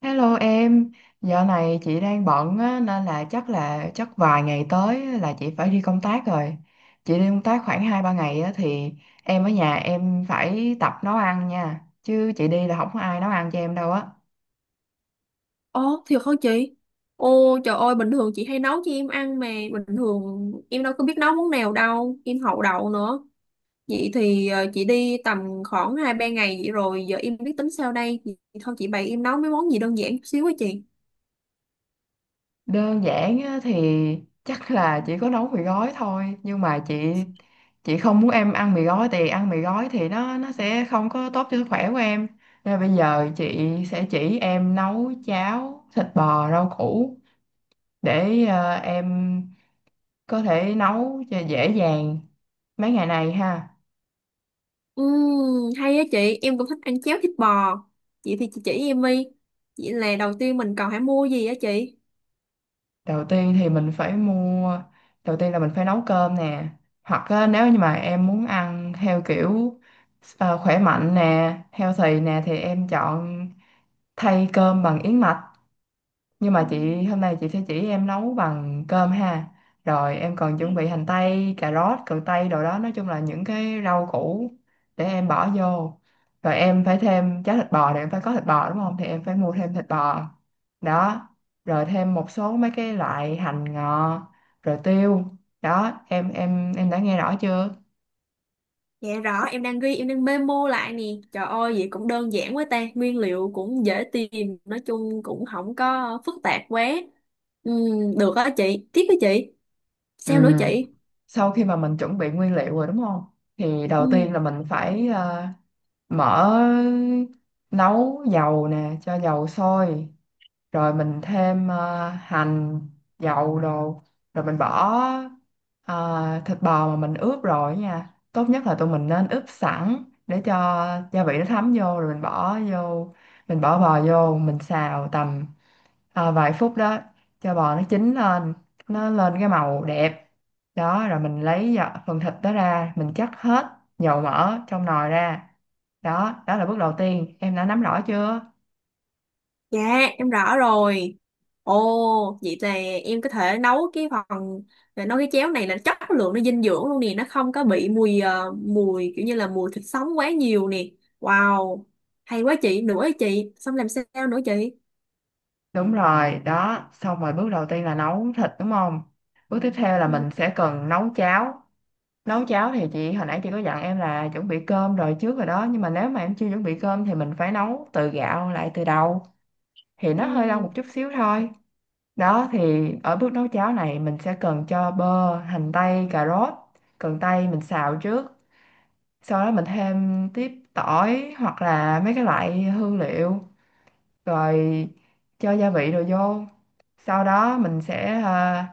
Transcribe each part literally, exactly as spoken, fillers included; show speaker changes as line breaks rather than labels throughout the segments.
Hello em, dạo này chị đang bận á, nên là chắc là chắc vài ngày tới á là chị phải đi công tác rồi. Chị đi công tác khoảng hai ba ngày á, thì em ở nhà em phải tập nấu ăn nha. Chứ chị đi là không có ai nấu ăn cho em đâu á.
Ồ, thiệt hả chị? Ô trời ơi, bình thường chị hay nấu cho em ăn mà bình thường em đâu có biết nấu món nào đâu, em hậu đậu nữa. Vậy thì ờ, chị đi tầm khoảng hai ba ngày vậy rồi, giờ em biết tính sao đây. Vậy thôi chị bày em nấu mấy món gì đơn giản chút xíu á chị.
Đơn giản á, thì chắc là chỉ có nấu mì gói thôi. Nhưng mà chị chị không muốn em ăn mì gói, thì ăn mì gói thì nó nó sẽ không có tốt cho sức khỏe của em. Nên bây giờ chị sẽ chỉ em nấu cháo thịt bò rau củ để ờ, em có thể nấu cho dễ dàng mấy ngày này ha.
Ừm, hay á chị, em cũng thích ăn cháo thịt bò. Vậy thì chị chỉ em đi. Vậy là đầu tiên mình cần phải mua gì á chị?
Đầu tiên thì mình phải mua đầu tiên là mình phải nấu cơm nè, hoặc á, nếu như mà em muốn ăn theo kiểu ờ, khỏe mạnh nè, healthy nè, thì em chọn thay cơm bằng yến mạch. Nhưng
Ừ.
mà chị hôm nay chị sẽ chỉ em nấu bằng cơm ha. Rồi em còn chuẩn bị hành tây, cà rốt, cần tây đồ đó, nói chung là những cái rau củ để em bỏ vô. Rồi em phải thêm cháo thịt bò thì em phải có thịt bò đúng không? Thì em phải mua thêm thịt bò. Đó. Rồi thêm một số mấy cái loại hành ngò, rồi tiêu. Đó, em em em đã nghe rõ chưa?
Dạ rõ, em đang ghi, em đang memo lại nè. Trời ơi, vậy cũng đơn giản quá ta. Nguyên liệu cũng dễ tìm, nói chung cũng không có phức tạp quá. Ừ, được á chị, tiếp với chị.
Ừ.
Sao nữa chị?
Sau khi mà mình chuẩn bị nguyên liệu rồi đúng không? Thì đầu
Ừ.
tiên là mình phải ờ, mở nấu dầu nè, cho dầu sôi, rồi mình thêm ờ, hành dầu đồ, rồi mình bỏ ờ, thịt bò mà mình ướp rồi nha. Tốt nhất là tụi mình nên ướp sẵn để cho gia vị nó thấm vô, rồi mình bỏ vô mình bỏ bò vô, mình xào tầm ờ, vài phút đó, cho bò nó chín lên, nó lên cái màu đẹp. Đó rồi mình lấy dạ- phần thịt đó ra, mình chắc hết dầu mỡ trong nồi ra. Đó, đó là bước đầu tiên, em đã nắm rõ chưa?
Dạ, em rõ rồi. Ồ, vậy là em có thể nấu cái phần, nấu cái chéo này là chất lượng nó dinh dưỡng luôn nè. Nó không có bị mùi, ờ, mùi kiểu như là mùi thịt sống quá nhiều nè. Wow, hay quá chị, nữa chị. Xong làm sao nữa chị?
Đúng rồi, đó. Xong rồi bước đầu tiên là nấu thịt đúng không? Bước tiếp theo là
Ừ.
mình sẽ cần nấu cháo. Nấu cháo thì chị hồi nãy chị có dặn em là chuẩn bị cơm rồi trước rồi đó. Nhưng mà nếu mà em chưa chuẩn bị cơm thì mình phải nấu từ gạo lại từ đầu. Thì
Ừ.
nó hơi lâu một chút xíu thôi. Đó thì ở bước nấu cháo này mình sẽ cần cho bơ, hành tây, cà rốt. Cần tây mình xào trước. Sau đó mình thêm tiếp tỏi hoặc là mấy cái loại hương liệu, rồi cho gia vị rồi vô. Sau đó mình sẽ ờ,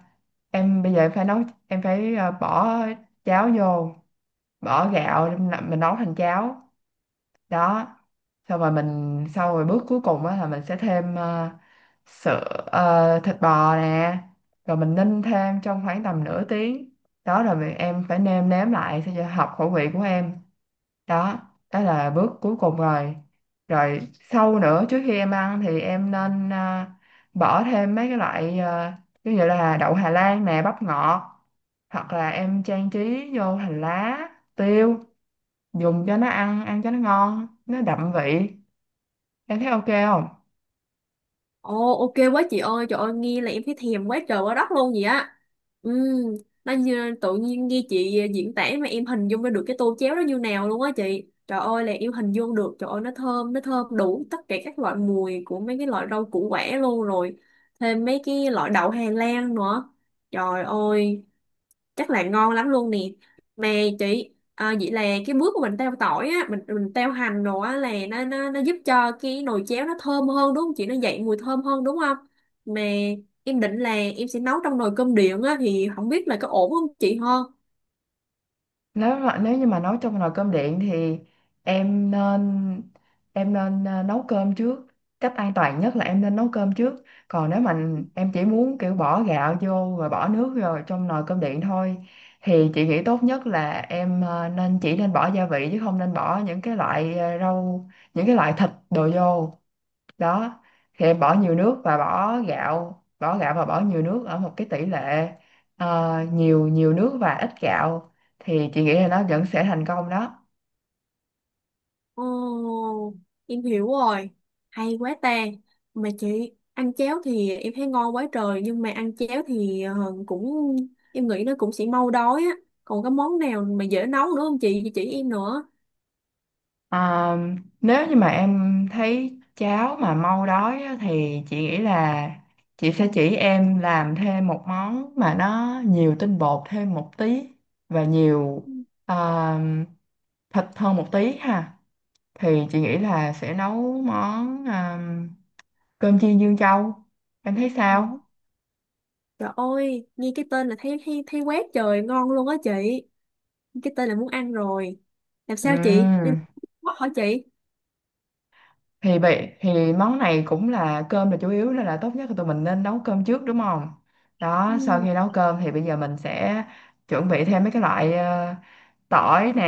em bây giờ em phải nấu, em phải ờ, bỏ cháo vô bỏ gạo để mình làm- mình nấu thành cháo đó. Xong rồi mình sau rồi bước cuối cùng á là mình sẽ thêm ờ, sữa, ờ, thịt bò nè, rồi mình ninh thêm trong khoảng tầm nửa tiếng. Đó rồi mình, em phải nêm nếm lại sao cho hợp khẩu vị của em. Đó, đó là bước cuối cùng rồi. Rồi sau nữa, trước khi em ăn thì em nên à, bỏ thêm mấy cái loại, à, ví dụ là đậu Hà Lan nè, bắp ngọt, hoặc là em trang trí vô hành lá, tiêu, dùng cho nó ăn ăn cho nó ngon, nó đậm vị. Em thấy ok không?
Ồ, ok quá chị ơi. Trời ơi, nghe là em thấy thèm quá trời quá đất luôn vậy á. Ừ, nó như, tự nhiên nghe chị diễn tả mà em hình dung ra được cái tô chéo đó như nào luôn á chị. Trời ơi là em hình dung được. Trời ơi, nó thơm, nó thơm đủ tất cả các loại mùi của mấy cái loại rau củ quả luôn rồi. Thêm mấy cái loại đậu Hà Lan nữa. Trời ơi, chắc là ngon lắm luôn nè. Mà chị à, vậy là cái bước của mình teo tỏi á, mình mình teo hành đồ á, là nó nó nó giúp cho cái nồi chéo nó thơm hơn đúng không chị, nó dậy mùi thơm hơn đúng không? Mà em định là em sẽ nấu trong nồi cơm điện á, thì không biết là có ổn không chị ha.
Nếu mà nếu như mà nấu trong nồi cơm điện thì em nên, em nên ờ, nấu cơm trước. Cách an toàn nhất là em nên nấu cơm trước. Còn nếu mà em chỉ muốn kiểu bỏ gạo vô rồi bỏ nước rồi trong nồi cơm điện thôi, thì chị nghĩ tốt nhất là em ờ, nên chỉ nên bỏ gia vị, chứ không nên bỏ những cái loại ờ, rau, những cái loại thịt đồ vô. Đó thì em bỏ nhiều nước và bỏ gạo bỏ gạo và bỏ nhiều nước ở một cái tỷ lệ ờ, nhiều, nhiều nước và ít gạo, thì chị nghĩ là nó vẫn sẽ thành công đó.
Ồ, em hiểu rồi, hay quá ta. Mà chị, ăn chéo thì em thấy ngon quá trời, nhưng mà ăn chéo thì ờ, cũng em nghĩ nó cũng sẽ mau đói á. Còn có món nào mà dễ nấu nữa không chị chị chỉ em nữa.
Ờ, nếu như mà em thấy cháo mà mau đói á, thì chị nghĩ là chị sẽ chỉ em làm thêm một món mà nó nhiều tinh bột thêm một tí và nhiều ờ, thịt hơn một tí ha. Thì chị nghĩ là sẽ nấu món ờ, cơm chiên Dương Châu. Em thấy sao?
Dạ. Trời ơi, nghe cái tên là thấy thấy thấy quét trời ngon luôn á chị. Cái tên là muốn ăn rồi. Làm sao chị? Đây
Ừm,
là hỏi chị.
thì bị thì món này cũng là cơm là chủ yếu, nên là tốt nhất là tụi mình nên nấu cơm trước đúng không? Đó, sau
Ừ.
khi nấu cơm thì bây giờ mình sẽ chuẩn bị thêm mấy cái loại ờ, tỏi nè,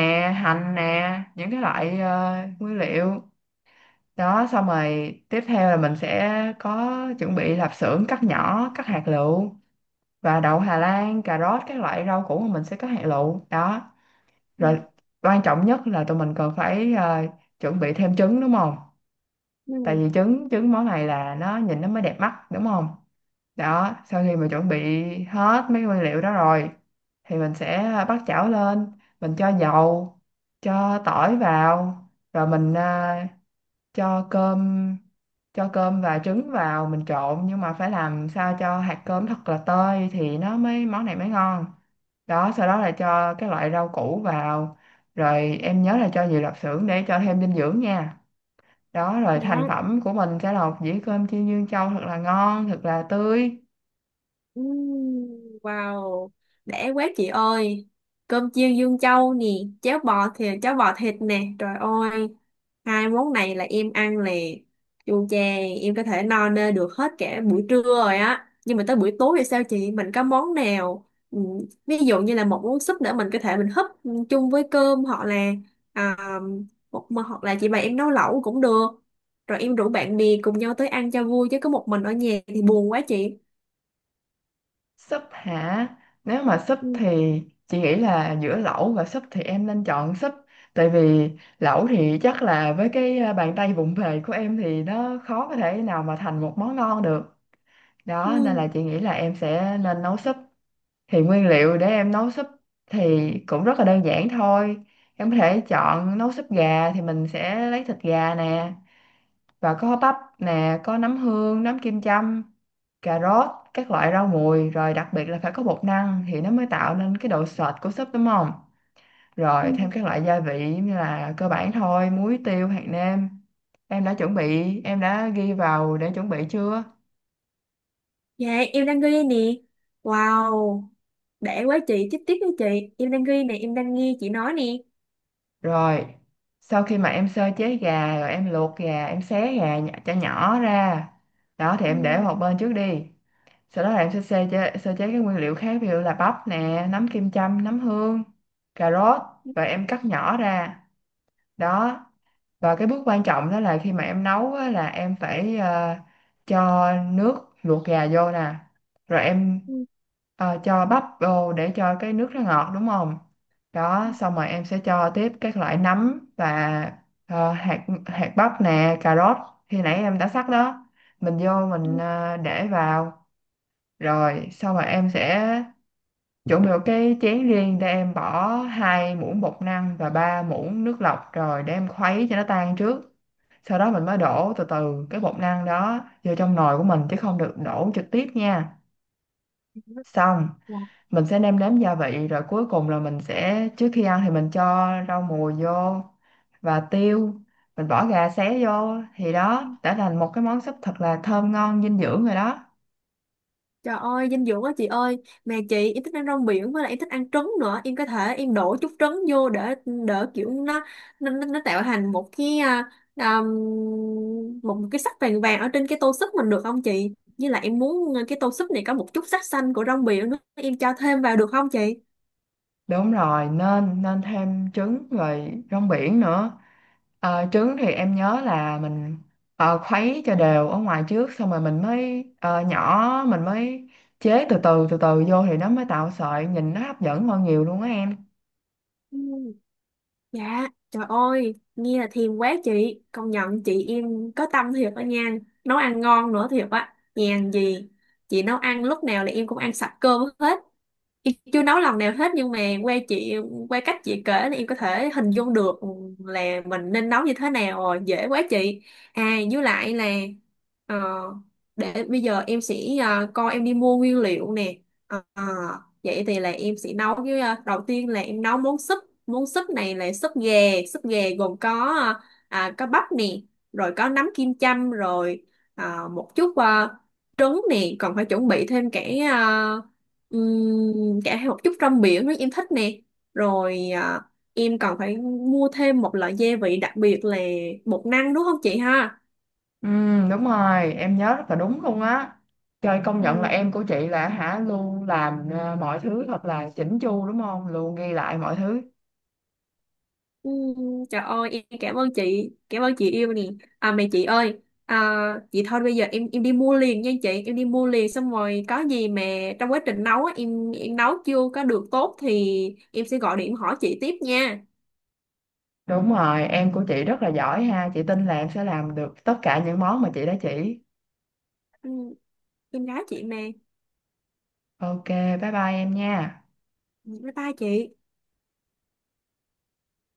hành nè, những cái loại ờ, nguyên liệu. Đó, xong rồi tiếp theo là mình sẽ có chuẩn bị lạp xưởng cắt nhỏ, cắt hạt lựu, và đậu Hà Lan, cà rốt, các loại rau củ mà mình sẽ cắt hạt lựu. Đó.
Ừ.
Rồi quan trọng nhất là tụi mình cần phải ờ, chuẩn bị thêm trứng đúng không? Tại
Ừ.
vì trứng trứng món này là nó nhìn nó mới đẹp mắt đúng không? Đó, sau khi mà chuẩn bị hết mấy nguyên liệu đó rồi thì mình sẽ bắt chảo lên, mình cho dầu, cho tỏi vào, rồi mình à, cho cơm cho cơm và trứng vào, mình trộn, nhưng mà phải làm sao cho hạt cơm thật là tơi thì nó mới món này mới ngon. Đó, sau đó là cho các loại rau củ vào, rồi em nhớ là cho nhiều lạp xưởng để cho thêm dinh dưỡng nha. Đó rồi
Dạ.
thành phẩm của mình sẽ là một dĩa cơm chiên dương châu thật là ngon, thật là tươi.
Ừm. Wow, để quá chị ơi. Cơm chiên Dương Châu nè, cháo bò thịt, cháo bò thịt nè. Trời ơi, hai món này là em ăn là chu chè, em có thể no nê được hết cả buổi trưa rồi á. Nhưng mà tới buổi tối thì sao chị? Mình có món nào? Ừm, ví dụ như là một món súp nữa mình có thể mình húp chung với cơm, hoặc là à, một hoặc là chị bày em nấu lẩu cũng được. Rồi em rủ bạn bè cùng nhau tới ăn cho vui, chứ có một mình ở nhà thì buồn quá chị.
Súp hả? Nếu mà súp thì chị nghĩ là giữa lẩu và súp thì em nên chọn súp. Tại vì lẩu thì chắc là với cái à, bàn tay vụng về của em thì nó khó có thể nào mà thành một món ngon được.
Ừ.
Đó, nên là chị nghĩ là em sẽ nên nấu súp. Thì nguyên liệu để em nấu súp thì cũng rất là đơn giản thôi. Em có thể chọn nấu súp gà, thì mình sẽ lấy thịt gà nè, và có bắp nè, có nấm hương, nấm kim châm, cà rốt, các loại rau mùi, rồi đặc biệt là phải có bột năng thì nó mới tạo nên cái độ sệt của súp đúng không?
Ừ.
Rồi thêm các loại gia vị như là cơ bản thôi: muối, tiêu, hạt nêm. Em đã chuẩn bị, em đã ghi vào để chuẩn bị chưa?
Dạ, em đang ghi nè. Wow, để quá chị, tiếp tiếp với chị. Em đang ghi nè, em đang nghe chị nói nè.
Rồi, sau khi mà em sơ chế gà rồi, em luộc gà, em xé gà nhỏ, cho nhỏ ra. Đó thì
Ừ.
em để một bên trước đi. Sau đó là em sẽ sơ chế, sơ chế các nguyên liệu khác, ví dụ là bắp nè, nấm kim châm, nấm hương, cà rốt, rồi em cắt nhỏ ra. Đó. Và cái bước quan trọng đó là khi mà em nấu á, là em phải ờ, cho nước luộc gà vô nè. Rồi em
Ừ.
ờ, cho bắp vô để cho cái nước nó ngọt đúng không? Đó, xong rồi em sẽ cho tiếp các loại nấm và ờ, hạt hạt bắp nè, cà rốt khi nãy em đã sắc đó. Mình vô mình ờ, để vào. Rồi xong rồi em sẽ chuẩn bị một cái chén riêng để em bỏ hai muỗng bột năng và ba muỗng nước lọc rồi để em khuấy cho nó tan trước. Sau đó mình mới đổ từ từ cái bột năng đó vô trong nồi của mình, chứ không được đổ trực tiếp nha. Xong mình sẽ nêm nếm gia vị, rồi cuối cùng là mình sẽ, trước khi ăn thì mình cho rau mùi vô và tiêu, mình bỏ gà xé vô thì
Ừ.
đó đã thành một cái món súp thật là thơm ngon dinh dưỡng rồi đó.
Trời ơi, dinh dưỡng quá chị ơi. Mà chị, em thích ăn rong biển, với lại em thích ăn trứng nữa. Em có thể em đổ chút trứng vô để đỡ kiểu nó, nó, nó nó tạo thành một cái à, à, một cái sắc vàng vàng ở trên cái tô súp mình, được không chị? Như là em muốn ờ, cái tô súp này có một chút sắc xanh của rong biển nữa, em cho thêm vào được không chị?
Đúng rồi, nên nên thêm trứng rồi rong biển nữa. Ờ, trứng thì em nhớ là mình ờ, khuấy cho đều ở ngoài trước, xong rồi mình mới ờ, nhỏ mình mới chế từ từ từ từ vô thì nó mới tạo sợi, nhìn nó hấp dẫn hơn nhiều luôn á em.
Ừ. Dạ, trời ơi, nghe là thèm quá chị. Công nhận chị em có tâm thiệt đó nha. Nấu ăn ngon nữa thiệt á. Nhàn gì. Chị nấu ăn lúc nào là em cũng ăn sạch cơm hết. Chị chưa nấu lần nào hết, nhưng mà qua chị, qua cách chị kể thì em có thể hình dung được là mình nên nấu như thế nào rồi, dễ quá chị. À với lại là ờ, để bây giờ em sẽ ờ, coi em đi mua nguyên liệu nè. Ờ, vậy thì là em sẽ nấu với ờ, đầu tiên là em nấu món súp, món súp này là súp gà, súp gà gồm có ờ, à, có bắp nè, rồi có nấm kim châm, rồi ờ, một chút ờ, trứng nè, còn phải chuẩn bị thêm cả ờ, Ừm, cả hai một chút rong biển rất em thích nè, rồi à, em còn phải mua thêm một loại gia vị đặc biệt là bột năng, đúng không chị ha.
Ừ, đúng rồi, em nhớ rất là đúng luôn á. Trời, công nhận là
Ừm,
em của chị là hả luôn làm ờ, mọi thứ thật là chỉnh chu đúng không? Luôn ghi lại mọi thứ.
ừm, Trời ơi, em cảm ơn chị, cảm ơn chị yêu nè. À mẹ chị ơi, à, chị thôi bây giờ em em đi mua liền nha chị, em đi mua liền, xong rồi có gì mà trong quá trình nấu á, em em nấu chưa có được tốt thì em sẽ gọi điện hỏi chị tiếp nha.
Đúng rồi, em của chị rất là giỏi ha, chị tin là em sẽ làm được tất cả những món mà chị đã chỉ.
Ừm, em gái chị mà.
Ok, bye bye em nha.
Bye bye chị.